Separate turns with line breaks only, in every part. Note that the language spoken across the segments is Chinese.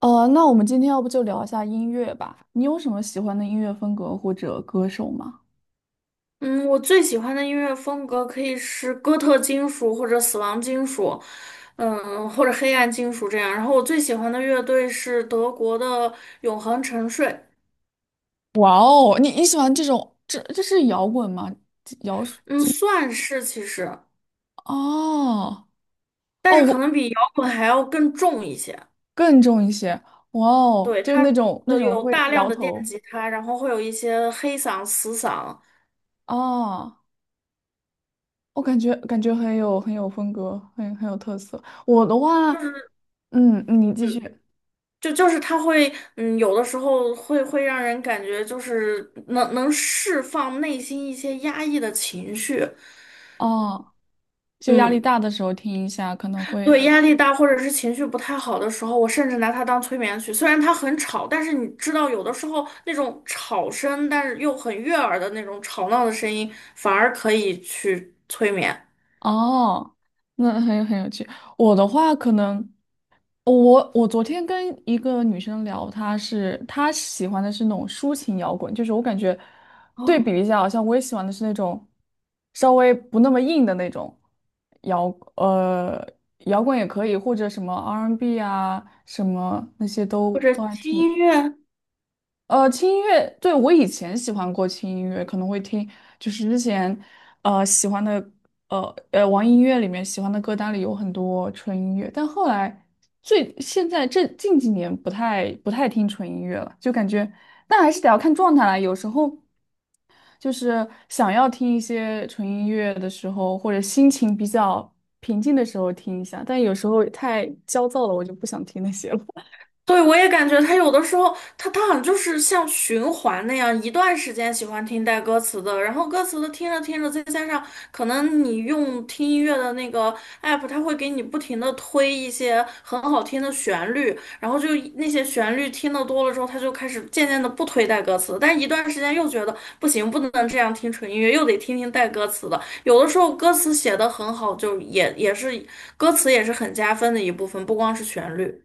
那我们今天要不就聊一下音乐吧？你有什么喜欢的音乐风格或者歌手吗？
嗯，我最喜欢的音乐风格可以是哥特金属或者死亡金属，或者黑暗金属这样。然后我最喜欢的乐队是德国的永恒沉睡，
哇哦，你喜欢这种，这是摇滚吗？这摇是
嗯，算是其实，
哦
但
哦，
是可
我
能比摇滚还要更重一些。
更重一些。哇哦，
对，
就是
它
那种那
的
种
有
会
大量
摇
的电
头。
吉他，然后会有一些黑嗓、死嗓，
哦，我感觉很有风格，很有特色。我的话，
就是
嗯，你继续。
就是它会，有的时候会让人感觉就是能释放内心一些压抑的情绪，
哦，就压力
嗯。
大的时候听一下，可能
对，
会。
压力大或者是情绪不太好的时候，我甚至拿它当催眠曲。虽然它很吵，但是你知道，有的时候那种吵声，但是又很悦耳的那种吵闹的声音，反而可以去催眠。
哦，那很有趣。我的话可能。我昨天跟一个女生聊，她喜欢的是那种抒情摇滚，就是我感觉对比
哦，
一下，好像我也喜欢的是那种稍微不那么硬的那种摇，呃，摇滚也可以，或者什么 R&B n 啊，什么那些都
或者
都还
听
挺
音乐，
轻音乐，对，我以前喜欢过轻音乐，可能会听，就是之前，喜欢的，网易音乐里面喜欢的歌单里有很多纯音乐，但后来最现在这近几年不太听纯音乐了，就感觉，但还是得要看状态啦，有时候就是想要听一些纯音乐的时候，或者心情比较平静的时候听一下，但有时候太焦躁了，我就不想听那些了。
对，我也感觉他有的时候，他好像就是像循环那样，一段时间喜欢听带歌词的，然后歌词的听着听着，再加上可能你用听音乐的那个 app，它会给你不停的推一些很好听的旋律，然后就那些旋律听的多了之后，他就开始渐渐的不推带歌词，但一段时间又觉得不行，不能这样听纯音乐，又得听听带歌词的。有的时候歌词写的很好，就也是歌词也是很加分的一部分，不光是旋律。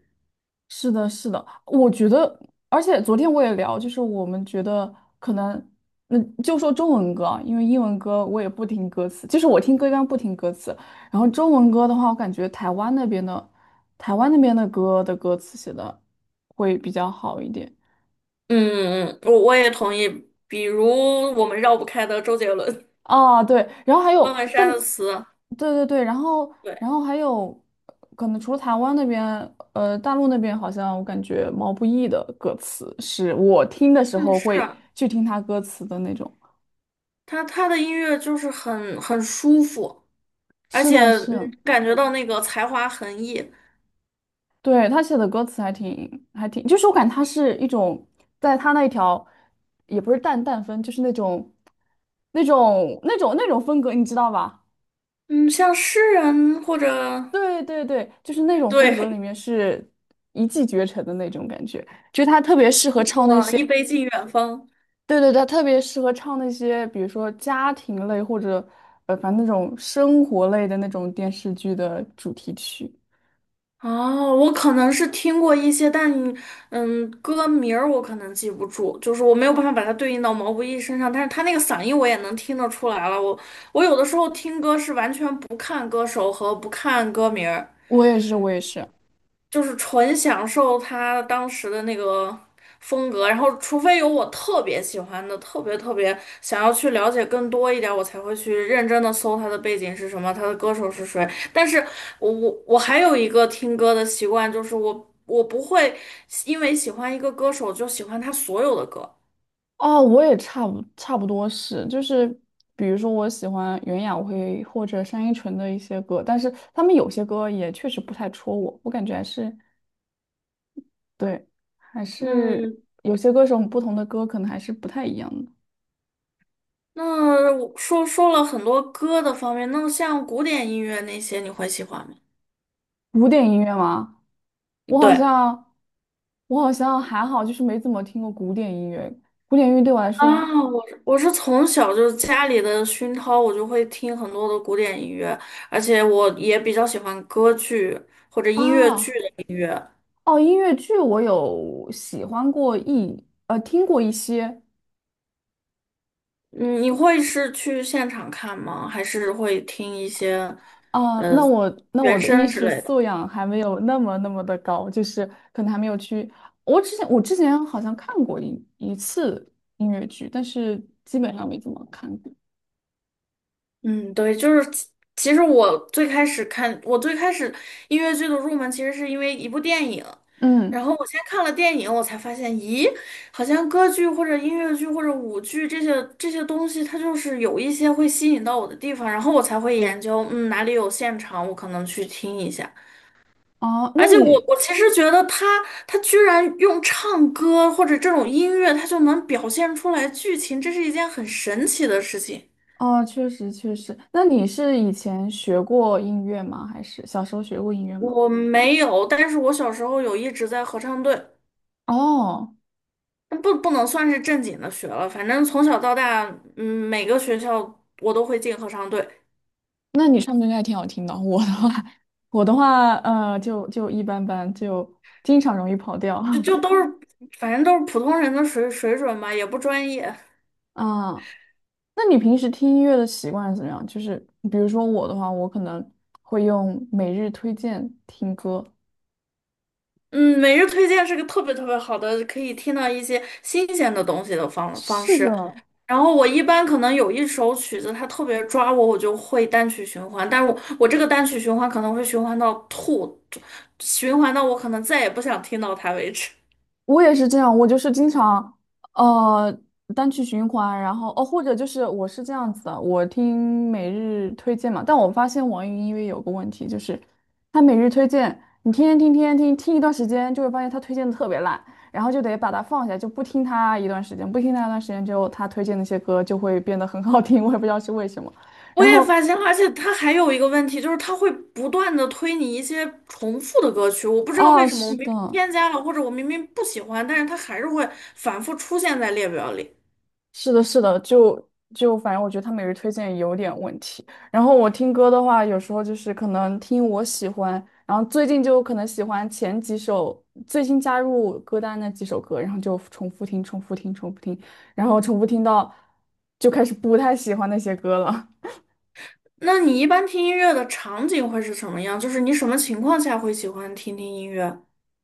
是的，是的，我觉得，而且昨天我也聊，就是我们觉得可能，那就说中文歌啊，因为英文歌我也不听歌词，就是我听歌一般不听歌词，然后中文歌的话，我感觉台湾那边的，台湾那边的歌的歌词写的会比较好一点。
嗯嗯，我也同意。比如我们绕不开的周杰伦、
啊，对，然后还
方
有，
文山
但，
的词，
对对对，然后，
对，
然后还有，可能除了台湾那边，大陆那边好像我感觉毛不易的歌词是我听的时
嗯，
候
是
会去听他歌词的那种。
他的音乐就是很舒服，而
是
且
的，是，
嗯感觉到那个才华横溢。
对，他写的歌词还挺，就是我感觉他是一种在他那一条，也不是淡淡风，就是那种风格，你知道吧？
嗯，像诗人或者
对对对，就是那种风格
对，
里面是一骑绝尘的那种感觉，就是他 特
一
别
杯
适合
敬
唱
过
那
往，
些，
一杯敬远方。
对对对，他特别适合唱那些，比如说家庭类或者反正那种生活类的那种电视剧的主题曲。
哦，我可能是听过一些，但歌名儿我可能记不住，就是我没有办法把它对应到毛不易身上，但是他那个嗓音我也能听得出来了。我有的时候听歌是完全不看歌手和不看歌名儿。
我也是，我也是。
就是纯享受他当时的那个风格，然后除非有我特别喜欢的，特别特别想要去了解更多一点，我才会去认真的搜他的背景是什么，他的歌手是谁。但是我还有一个听歌的习惯，就是我不会因为喜欢一个歌手就喜欢他所有的歌。
哦，我也差不多是，就是比如说我喜欢袁娅维或者单依纯的一些歌，但是他们有些歌也确实不太戳我，我感觉还是对，还是
嗯，
有些歌手不同的歌可能还是不太一样的。
那我说了很多歌的方面，那像古典音乐那些你会喜欢吗？
古典音乐吗？我好
对。
像，我好像还好，就是没怎么听过古典音乐。古典音乐对我来
啊，
说
我是从小就是家里的熏陶，我就会听很多的古典音乐，而且我也比较喜欢歌剧或者音乐剧
啊。
的音乐。
哦，音乐剧我有喜欢过听过一些。
嗯，你会是去现场看吗？还是会听一些
啊，
呃
那我那我
原
的艺
声之
术
类的？
素养还没有那么的高，就是可能还没有去。我之前好像看过一次音乐剧，但是基本上没怎么看过。
嗯，对，就是其实我最开始看，我最开始音乐剧的入门其实是因为一部电影，然
嗯。
后我先看了电影，我才发现，咦，好像歌剧或者音乐剧或者舞剧这些东西，它就是有一些会吸引到我的地方，然后我才会研究，哪里有现场，我可能去听一下。
哦，
而
那
且我
你。
我其实觉得他居然用唱歌或者这种音乐，他就能表现出来剧情，这是一件很神奇的事情。
哦，确实，那你是以前学过音乐吗？还是小时候学过音乐吗？
我没有，但是我小时候有一直在合唱队，
哦，
那不能算是正经的学了，反正从小到大，每个学校我都会进合唱队，
那你唱歌应该还挺好听的。我的话，我的话，就一般般，就经常容易跑调。
就 都是，反正都是普通人的水准吧，也不专业。
啊，那你平时听音乐的习惯是怎么样？就是比如说我的话，我可能会用每日推荐听歌。
嗯，每日推荐是个特别特别好的，可以听到一些新鲜的东西的方方
是
式。
的，
然后我一般可能有一首曲子，它特别抓我，我就会单曲循环。但是我这个单曲循环可能会循环到吐，循环到我可能再也不想听到它为止。
我也是这样，我就是经常呃单曲循环，然后或者就是我是这样子的，我听每日推荐嘛，但我发现网易云音乐有个问题，就是它每日推荐，你天天听天天听，听一段时间就会发现它推荐的特别烂，然后就得把它放下，就不听它一段时间，不听它一段时间之后，它推荐那些歌就会变得很好听，我也不知道是为什么。
我
然
也
后。
发现了，而且它还有一个问题，就是它会不断的推你一些重复的歌曲，我不知道
啊，
为什么，我
是
明
的，
明添加了，或者我明明不喜欢，但是它还是会反复出现在列表里。
是的，是的，就反正我觉得他每日推荐有点问题。然后我听歌的话，有时候就是可能听我喜欢，然后最近就可能喜欢前几首最新加入歌单那几首歌，然后就重复听、重复听、重复听，然后重复听到就开始不太喜欢那些歌了。
那你一般听音乐的场景会是什么样？就是你什么情况下会喜欢听听音乐？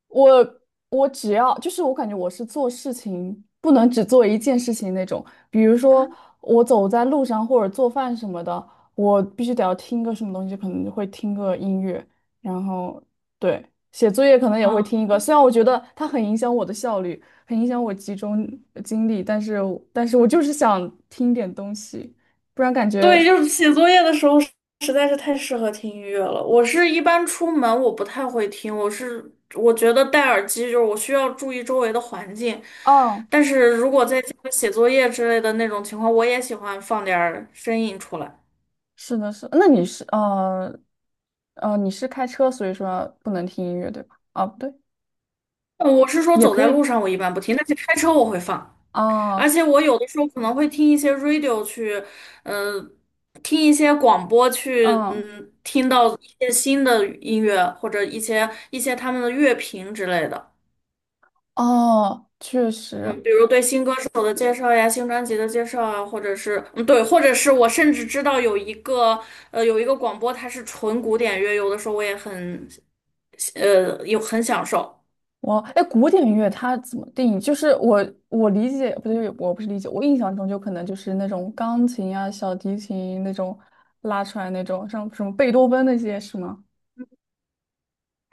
我我只要就是我感觉我是做事情不能只做一件事情那种，比如说我走在路上或者做饭什么的，我必须得要听个什么东西，可能就会听个音乐，然后对，写作业可能也会
啊。
听一个，虽然我觉得它很影响我的效率，很影响我集中精力，但是我就是想听点东西，不然感觉。
对，就是写作业的时候实在是太适合听音乐了。我是一般出门我不太会听，我觉得戴耳机就是我需要注意周围的环境，
哦，
但是如果在家里写作业之类的那种情况，我也喜欢放点儿声音出来。
是的是，那你是开车，所以说不能听音乐对吧？啊，不对。
我是说
也
走
可
在路
以
上我一般不听，但是开车我会放。而
啊，
且我有的时候可能会听一些 radio 去，嗯、听一些广播去，
嗯，
听到一些新的音乐或者一些他们的乐评之类的，
哦，确
嗯，
实。
比如对新歌手的介绍呀、新专辑的介绍啊，或者是，对，或者是我甚至知道有一个，有一个广播它是纯古典乐，有的时候我也很，有很享受，
我哎，古典乐它怎么定义？就是我理解，不对，我不是理解，我印象中就可能就是那种钢琴啊、小提琴那种拉出来那种，像什么贝多芬那些是吗？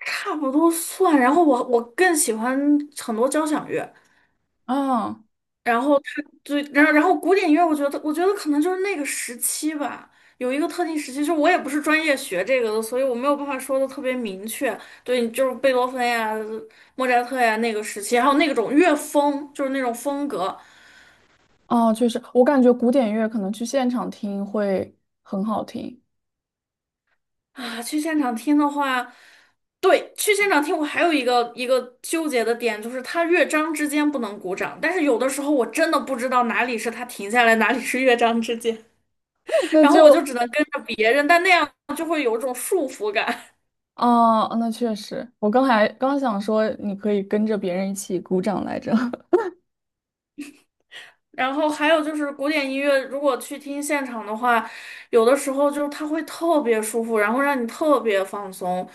差不多算。然后我更喜欢很多交响乐。
啊，
然后他对，然后古典音乐，我觉得可能就是那个时期吧，有一个特定时期，就是我也不是专业学这个的，所以我没有办法说的特别明确。对，就是贝多芬呀、莫扎特呀那个时期，还有那种乐风，就是那种风格
哦，确实，我感觉古典乐可能去现场听会很好听。
啊。去现场听的话，对，去现场听我还有一个纠结的点，就是它乐章之间不能鼓掌，但是有的时候我真的不知道哪里是它停下来，哪里是乐章之间。
那
然后我就
就。
只能跟着别人，但那样就会有一种束缚感。
啊，那确实，我刚才刚想说你可以跟着别人一起鼓掌来着。
然后还有就是古典音乐，如果去听现场的话，有的时候就是它会特别舒服，然后让你特别放松，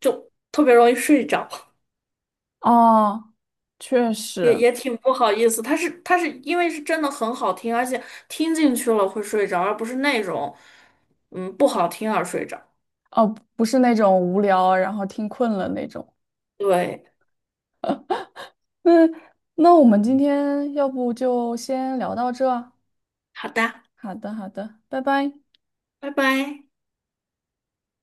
就特别容易睡着，
哦，确
也
实。
也挺不好意思。它是因为是真的很好听，而且听进去了会睡着，而不是那种不好听而睡着。
哦，不是那种无聊，然后听困了那种。
对，
嗯，那我们今天要不就先聊到这儿啊。
好的，
好的，好的，拜拜。
拜拜。